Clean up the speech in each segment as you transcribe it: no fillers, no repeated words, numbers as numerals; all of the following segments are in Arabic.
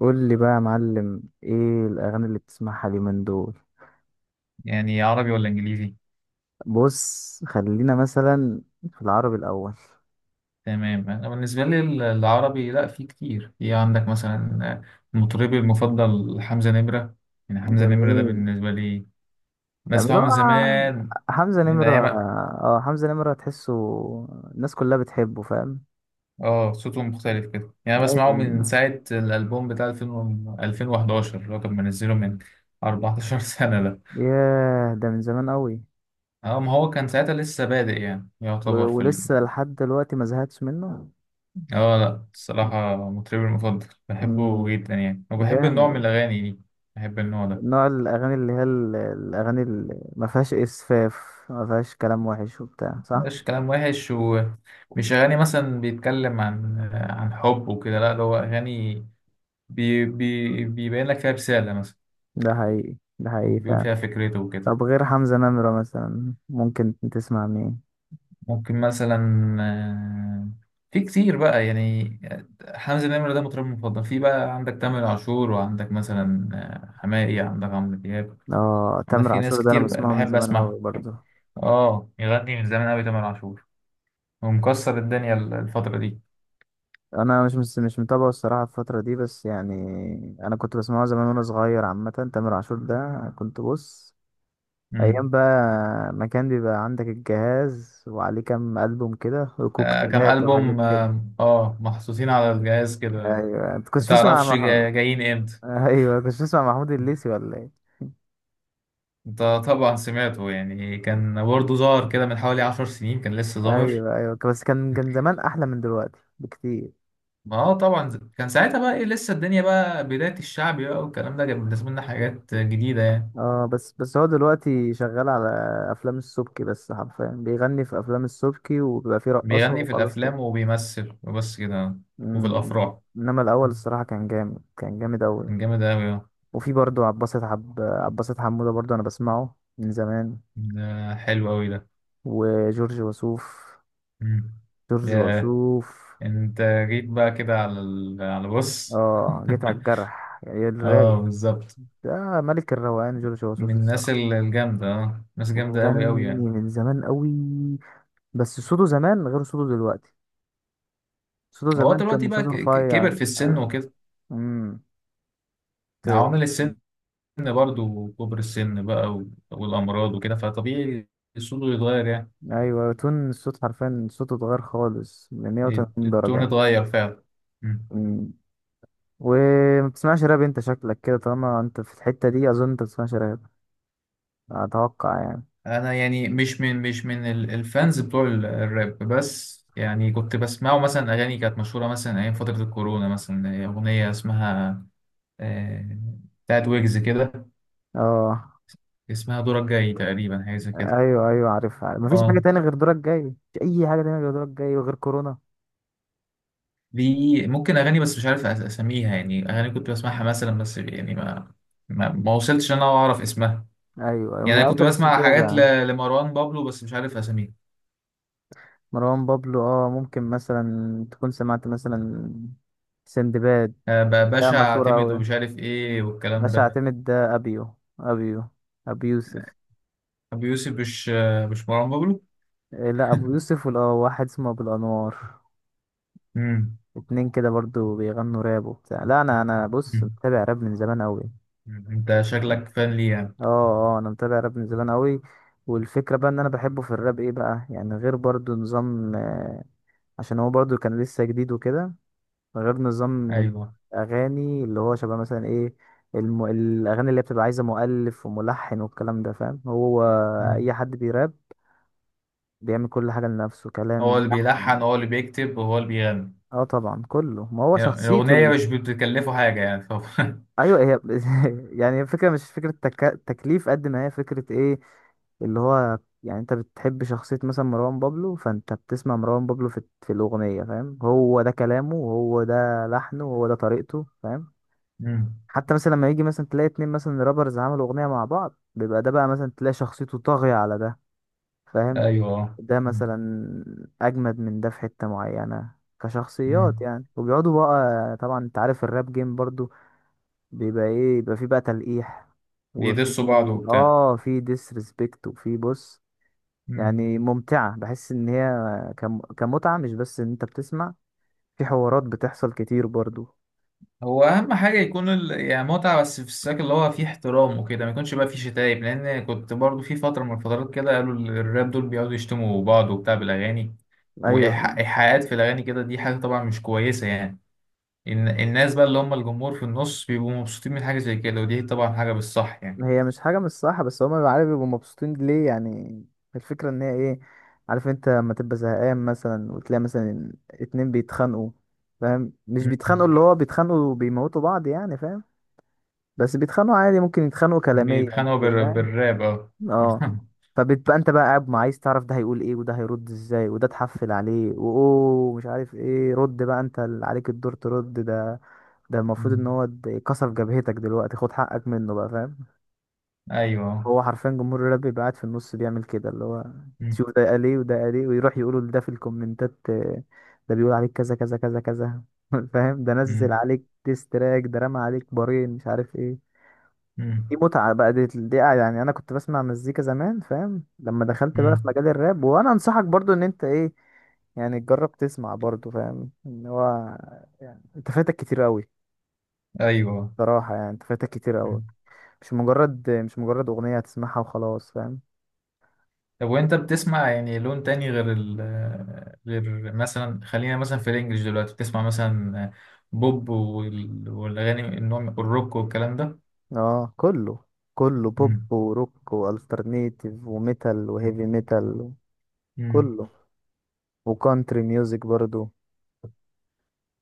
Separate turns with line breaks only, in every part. قول لي بقى يا معلم، ايه الاغاني اللي بتسمعها اليومين دول؟
يعني عربي ولا انجليزي؟
بص، خلينا مثلا في العربي الاول.
تمام، انا بالنسبه لي العربي، لا، في كتير. في عندك مثلا مطربي المفضل حمزه نمره. يعني حمزه نمره ده
جميل،
بالنسبه لي
جميل،
بسمعه من
آه،
زمان،
حمزة
من
نمرة.
ايام.
اه، حمزة نمرة تحسه الناس كلها بتحبه، فاهم؟
اه، صوته مختلف كده. يعني أنا بسمعه من
ايوه.
ساعه الالبوم بتاع 2000 2011، اللي هو كان منزله من 14 سنه ده.
ياه، ده من زمان قوي.
اه، ما هو كان ساعتها لسه بادئ، يعني يعتبر
ولسه لحد دلوقتي ما زهقتش منه.
اه، لا، الصراحه مطربي المفضل،
مم،
بحبه جدا يعني، وبحب النوع من
جامد.
الاغاني دي، بحب النوع ده.
نوع الاغاني اللي هي الاغاني اللي ما فيهاش اسفاف، ما فيهاش كلام وحش وبتاع، صح؟
مش كلام وحش، ومش أغاني مثلا بيتكلم عن حب وكده. لا، ده هو أغاني بي بي بيبين لك فيها رسالة مثلا،
ده حقيقي، ده
أو
حقيقي
بيقول
فعلا.
فيها فكرته وكده.
طب غير حمزة نمرة مثلا ممكن تسمع مين؟
ممكن مثلا، آه، في كتير بقى يعني. حمزة نمرة ده مطرب مفضل. في بقى عندك تامر عاشور، وعندك مثلا حماقي، عندك عمرو دياب.
اه،
عندك
تامر
في ناس
عاشور ده انا
كتير
بسمعه من
بحب
زمان
أسمعها.
قوي برضه.
اه، يغني من زمان أوي تامر عاشور، ومكسر الدنيا الفترة
انا مش متابعه الصراحة الفترة دي، بس يعني، انا كنت بسمعه زمان وانا صغير. عامة تامر عاشور ده كنت بص،
دي.
ايام بقى، ما كان بيبقى عندك الجهاز وعليه كام ألبوم كده
كام
وكوكتيلات وحاجات
ألبوم،
كده.
محطوطين على الجهاز كده.
ايوه، انت كنتش بتسمع
متعرفش
محمود؟
جايين امتى.
ايوه، كنتش بتسمع محمود الليثي، ولا ايه؟
انت طبعا سمعته. يعني كان برضه ظاهر كده من حوالي 10 سنين، كان لسه ظاهر.
ايوه، ايوه، بس كان زمان احلى من دلوقتي بكتير.
ما اه، طبعا كان ساعتها بقى ايه، لسه الدنيا بقى بداية الشعب بقى، والكلام ده كان بالنسبة لنا حاجات جديدة يعني.
اه، بس هو دلوقتي شغال على افلام السبكي، بس حرفيا بيغني في افلام السبكي وبيبقى فيه رقاصه
بيغني في
وخلاص كده.
الأفلام وبيمثل وبس كده، وفي
مم.
الأفراح.
انما الاول الصراحه كان جامد، كان جامد اوي.
كان جامد أوي اه.
وفي برضه عباسة، حب عباسة حموده برضه، انا بسمعه من زمان.
ده حلو أوي ده.
وجورج وسوف.
مم.
جورج
ياه.
وسوف.
انت جيت بقى كده على، بص.
اه، جيت على الجرح يعني،
اه،
الرايق.
بالظبط.
ده ملك الروقان جورج
من
وسوف
الناس
الصراحه.
الجامدة، اه، ناس جامدة
وبيغني
أوي أوي يعني.
من زمان قوي. بس صوته زمان غير صوته دلوقتي. صوته
هو
زمان كان
دلوقتي بقى
صوته رفيع.
كبر في السن
آه،
وكده،
امم ت-
عوامل السن برضه، وكبر السن بقى والأمراض وكده، فطبيعي صوته يتغير يعني.
ايوه، تون الصوت حرفيا صوته اتغير خالص من 180
التون
درجة.
اتغير فعلا. مم.
امم وما بتسمعش راب، انت شكلك كده طالما انت في الحتة دي اظن انت بتسمعش راب، اتوقع يعني.
أنا يعني مش من الفانز بتوع الراب، بس يعني كنت بسمعه. مثلا أغاني كانت مشهورة مثلا أيام فترة الكورونا، مثلا أغنية اسمها، آه، بتاعت ويجز كده،
اه،
اسمها دورك جاي تقريبا، حاجة زي كده.
ايوه، ايوه، عارفها. مفيش حاجة
اه.
تانية غير دورك جاي، مفيش اي حاجة تانية غير دورك جاي وغير كورونا.
دي ممكن اغاني بس مش عارف اسميها، يعني اغاني كنت بسمعها مثلا، بس يعني ما ما وصلتش ان انا اعرف اسمها.
ايوه، يوم
يعني
يا...
انا كنت
مش
بسمع حاجات
متابع.
لمروان بابلو، بس مش عارف اسميها،
مروان بابلو، اه، ممكن مثلا تكون سمعت مثلا سندباد. لا،
باشا
مشهورة
اعتمد
أوي.
ومش عارف ايه والكلام
باش
ده.
اعتمد ده ابيو ابيو ابو يوسف.
ابو يوسف، مش مش مروان بابلو.
إيه، لا، ابو يوسف، ولا واحد اسمه ابو الانوار.
امم.
اتنين كده برضو بيغنوا راب وبتاع. لا، انا بص، متابع راب من زمان قوي.
انت شكلك فان ليه يعني؟
اه، اه، انا متابع راب من زمان قوي. والفكره بقى ان انا بحبه في الراب ايه بقى يعني، غير برضو نظام، عشان هو برضو كان لسه جديد وكده، غير نظام
ايوه.
الاغاني اللي هو شبه مثلا ايه، الاغاني اللي بتبقى عايزه مؤلف وملحن والكلام ده، فاهم هو؟
مم.
اي حد بيراب بيعمل كل حاجة لنفسه،
هو
كلام،
اللي بيلحن،
لحن.
هو اللي بيكتب، وهو اللي بيغني.
اه طبعا كله، ما هو
يعني
شخصيته
الاغنيه
اللي...
مش بتكلفه حاجه يعني طبعا.
ايوه، هي يعني الفكرة مش فكرة تكليف قد ما هي فكرة ايه، اللي هو يعني انت بتحب شخصية مثلا مروان بابلو، فانت بتسمع مروان بابلو في الأغنية، فاهم؟ هو ده كلامه وهو ده لحنه وهو ده طريقته، فاهم؟
مم.
حتى مثلا لما يجي مثلا تلاقي اتنين مثلا رابرز عملوا أغنية مع بعض، بيبقى ده بقى مثلا تلاقي شخصيته طاغية على ده، فاهم؟
ايوه.
ده
مم.
مثلا اجمد من ده في حتة معينة كشخصيات
مم.
يعني، وبيقعدوا بقى طبعا. انت عارف الراب جيم برضو، بيبقى ايه، بيبقى فيه بقى تلقيح، وفي،
بيدسوا بعض وبتاع.
اه، في ديسريسبكت، وفي بص، يعني ممتعة. بحس ان هي كمتعة، مش بس ان انت بتسمع، في حوارات بتحصل كتير برضو.
هو اهم حاجه يكون يعني متعه، بس في السياق اللي هو فيه احترام وكده، ما يكونش بقى فيه شتايم، لان كنت برضو في فتره من الفترات كده، قالوا الراب دول بيقعدوا يشتموا بعض وبتاع بالاغاني،
ايوه،
وايحاءات في الاغاني كده. دي حاجه طبعا مش كويسه يعني. الناس بقى اللي هم الجمهور في النص بيبقوا مبسوطين من حاجه زي كده، ودي طبعا حاجه بالصح يعني.
هي مش حاجة مش صح، بس هما بيبقوا عارف بيبقوا مبسوطين ليه يعني. الفكرة ان هي ايه، عارف انت لما تبقى زهقان مثلا وتلاقي مثلا اتنين بيتخانقوا، فاهم؟ مش بيتخانقوا
م-
اللي هو بيتخانقوا وبيموتوا بعض يعني، فاهم؟ بس بيتخانقوا عادي، ممكن يتخانقوا كلاميا
بيتخانقوا
كده، فاهم؟
بالراب، اه.
اه. فبتبقى انت بقى قاعد، ما عايز تعرف ده هيقول ايه وده هيرد ازاي وده تحفل عليه، واوه مش عارف ايه، رد بقى انت، اللي عليك الدور ترد ده. ده المفروض ان
م.
هو كسر جبهتك دلوقتي، خد حقك منه بقى، فاهم؟
ايوه.
هو حرفيا جمهور الراب بيبقى قاعد في النص بيعمل كده، اللي هو
م-
تشوف ده قال ايه وده قال ايه، ويروح يقولوا لده في الكومنتات، ده بيقول عليك كذا كذا كذا كذا. فاهم؟ ده نزل
م-
عليك تراك، ده رمى عليك بارين مش عارف ايه. دي
م-
متعة بقى، دي يعني انا كنت بسمع مزيكا زمان، فاهم؟ لما دخلت بقى في
م.
مجال الراب، وانا انصحك برضو ان انت ايه، يعني تجرب تسمع برضو، فاهم ان هو يعني انت فاتك كتير قوي؟
ايوه.
صراحة يعني انت فاتك كتير قوي. مش مجرد اغنية هتسمعها وخلاص، فاهم؟
طب وانت بتسمع يعني لون تاني غير غير مثلا، خلينا مثلا في الانجليش دلوقتي بتسمع مثلا بوب والاغاني النوع الروك والكلام ده.
اه، كله بوب
مم.
وروك والترنيتيف وميتال
مم.
وهيفي ميتال،
مم.
كله. وكانتري ميوزك برضو.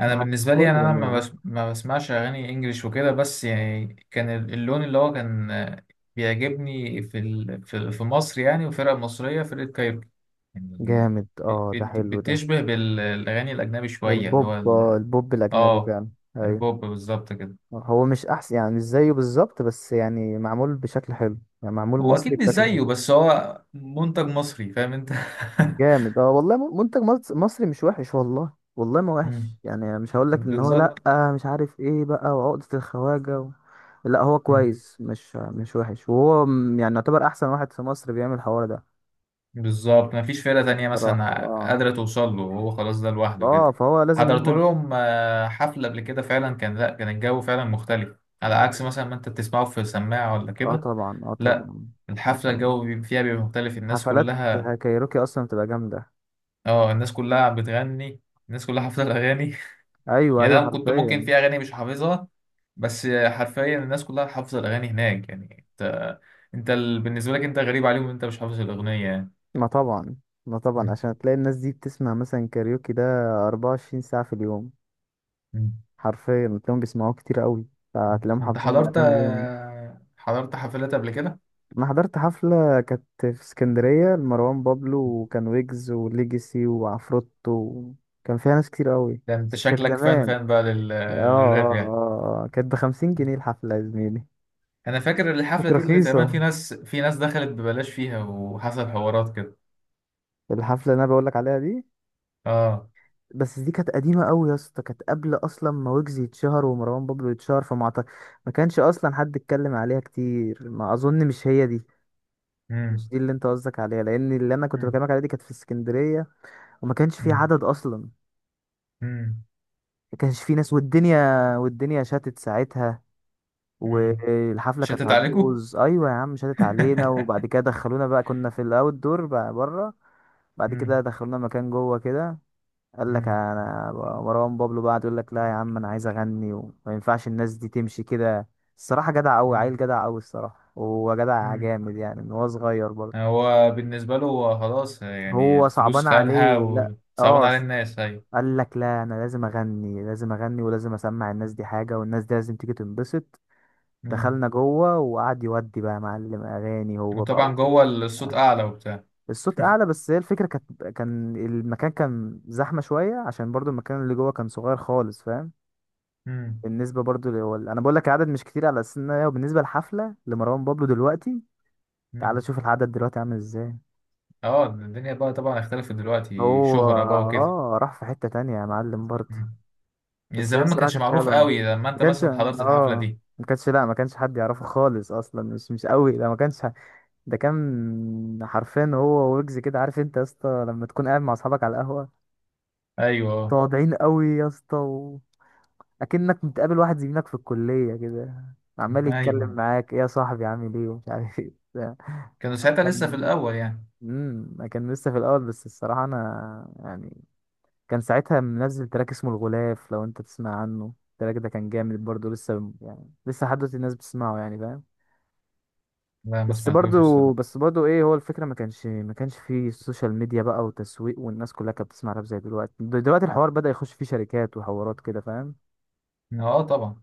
انا
معاك في
بالنسبه لي، يعني
كله
انا ما,
يعني.
بس ما بسمعش اغاني انجليش وكده، بس يعني كان اللون اللي هو كان بيعجبني في مصر، يعني، وفرقه مصريه، فرقه كايروكي يعني.
جامد، اه، ده حلو ده.
بتشبه بالاغاني الاجنبي شويه، اللي هو
البوب، البوب الاجنبي
اه
كان، ايوه.
البوب بالظبط كده.
هو مش احسن يعني مش زيه بالظبط، بس يعني معمول بشكل حلو، يعني معمول
هو
مصري
اكيد مش
بشكل
زيه،
حلو.
بس هو منتج مصري، فاهم انت.
جامد، اه، والله، منتج مصري مش وحش، والله، والله ما
مم.
وحش يعني. مش هقول لك ان هو لا،
بالظبط.
مش عارف ايه بقى، وعقدة الخواجة و... لا، هو
مم.
كويس، مش وحش، وهو يعني يعتبر احسن واحد في مصر بيعمل الحوار ده.
بالظبط، مفيش فرقة تانية
بصراحة،
مثلا
اه،
قادرة توصل له، وهو خلاص ده لوحده
اه،
كده.
فهو لازم
حضرت
ياخد.
لهم حفلة قبل كده، فعلا كان، لا، كان الجو فعلا مختلف، على عكس مثلا ما انت بتسمعه في سماعة ولا
اه
كده.
طبعا، اه
لا،
طبعا، اه
الحفلة
طبعا.
الجو فيها بيبقى مختلف، الناس
حفلات
كلها.
كايروكي اصلا بتبقى جامدة.
اه، الناس كلها بتغني، الناس كلها حافظة الأغاني.
ايوه،
يعني
ايوه،
انا كنت ممكن
حرفيا.
في اغاني مش حافظها، بس حرفيا الناس كلها حافظه الاغاني هناك، يعني انت، انت بالنسبه لك انت غريب عليهم إن انت مش حافظ الاغنيه يعني.
ما طبعا، ما
م-
طبعا، عشان تلاقي الناس دي بتسمع مثلا كاريوكي ده 24 ساعة في اليوم.
م-
حرفيا تلاقيهم بيسمعوه كتير قوي،
م.
فتلاقيهم
انت
حافظين
حضرت
الاغاني، جامد.
حضرت حفلات قبل كده؟
انا حضرت حفله كانت في اسكندريه لمروان بابلو، وكان ويجز وليجاسي وعفروتو. كان فيها ناس كتير قوي،
ده انت
بس كانت
شكلك فان
زمان.
بقى
اه،
للراب
اه،
يعني.
اه، آه. كانت بـ50 جنيه الحفله يا زميلي.
انا فاكر الحفله
كانت
دي، اللي تقريبا في
رخيصه،
ناس، دخلت ببلاش فيها، وحصل حوارات كده.
الحفله اللي انا بقولك عليها دي.
اه.
بس دي كانت قديمه قوي يا اسطى، كانت قبل اصلا ما ويجز يتشهر ومروان بابلو يتشهر، ما كانش اصلا حد اتكلم عليها كتير، ما اظن مش هي دي. مش
امم.
دي اللي انت قصدك عليها، لان اللي انا كنت
امم.
بكلمك عليها دي كانت في اسكندريه، وما كانش في
امم.
عدد اصلا،
امم.
ما كانش في ناس، والدنيا شتت ساعتها،
امم.
والحفله كانت
شتت عليكم.
هتبوظ. ايوه يا عم شتت علينا، وبعد كده دخلونا بقى، كنا في الاوت دور بقى بره. بعد كده
امم.
دخلونا مكان جوه كده. قال لك
امم.
انا، مروان بابلو بقى يقول لك لا يا عم، انا عايز اغني وما ينفعش الناس دي تمشي كده. الصراحه جدع قوي، عيل
امم.
جدع قوي الصراحه، وهو جدع جامد يعني من هو صغير برضه.
هو بالنسبة له هو خلاص، يعني
هو
الفلوس
صعبان
خدها،
عليه، لا،
وصعبان
اه.
على الناس. أيوة.
قال لك لا، انا لازم اغني، لازم اغني، ولازم اسمع الناس دي حاجه، والناس دي لازم تيجي تنبسط.
مم.
دخلنا جوه وقعد يودي بقى معلم اغاني هو بقى
وطبعا جوه الصوت
آه.
أعلى وبتاع.
الصوت اعلى، بس هي الفكره كان المكان كان زحمه شويه، عشان برضو المكان اللي جوه كان صغير خالص، فاهم؟
مم.
بالنسبه برضو انا بقول لك العدد مش كتير، على اساس ان هي بالنسبه للحفله لمروان بابلو دلوقتي، تعال
مم.
شوف العدد دلوقتي عامل ازاي.
اه، الدنيا بقى طبعا اختلفت دلوقتي،
هو
شهرة بقى وكده.
اه راح في حته تانية يا معلم برضو.
مم. يعني
بس هي
زمان ما
الصراحة
كانش
كانت
معروف
حلوة أوي.
قوي، لما
ما
انت
كانش
مثلا حضرت الحفلة
اه
دي.
ما كانش لا ما كانش حد يعرفه خالص اصلا، مش قوي ده، ما كانش ح- ده كان حرفيا هو ويجز كده، عارف انت يا اسطى، لما تكون قاعد مع اصحابك على القهوة،
ايوه،
تقعدين قوي يا اسطى و... اكنك متقابل واحد زميلك في الكلية كده، عمال يتكلم
ايوه.
معاك، ايه يا صاحبي، عامل ايه ومش عارف ايه بتاع.
كانوا ساعتها لسه في الأول يعني.
كان لسه في الاول، بس الصراحة انا يعني، كان ساعتها منزل تراك اسمه الغلاف، لو انت تسمع عنه التراك ده كان جامد برضه، لسه يعني لسه لحد دلوقتي الناس بتسمعه يعني، فاهم؟
لا، ما
بس برضه
سمعتوش الصراحة.
بس برضه ايه، هو الفكرة ما كانش فيه السوشيال ميديا بقى وتسويق، والناس كلها كانت بتسمع راب زي دلوقتي. دلوقتي الحوار بدأ يخش فيه شركات وحوارات كده، فاهم؟
اه، طبعا.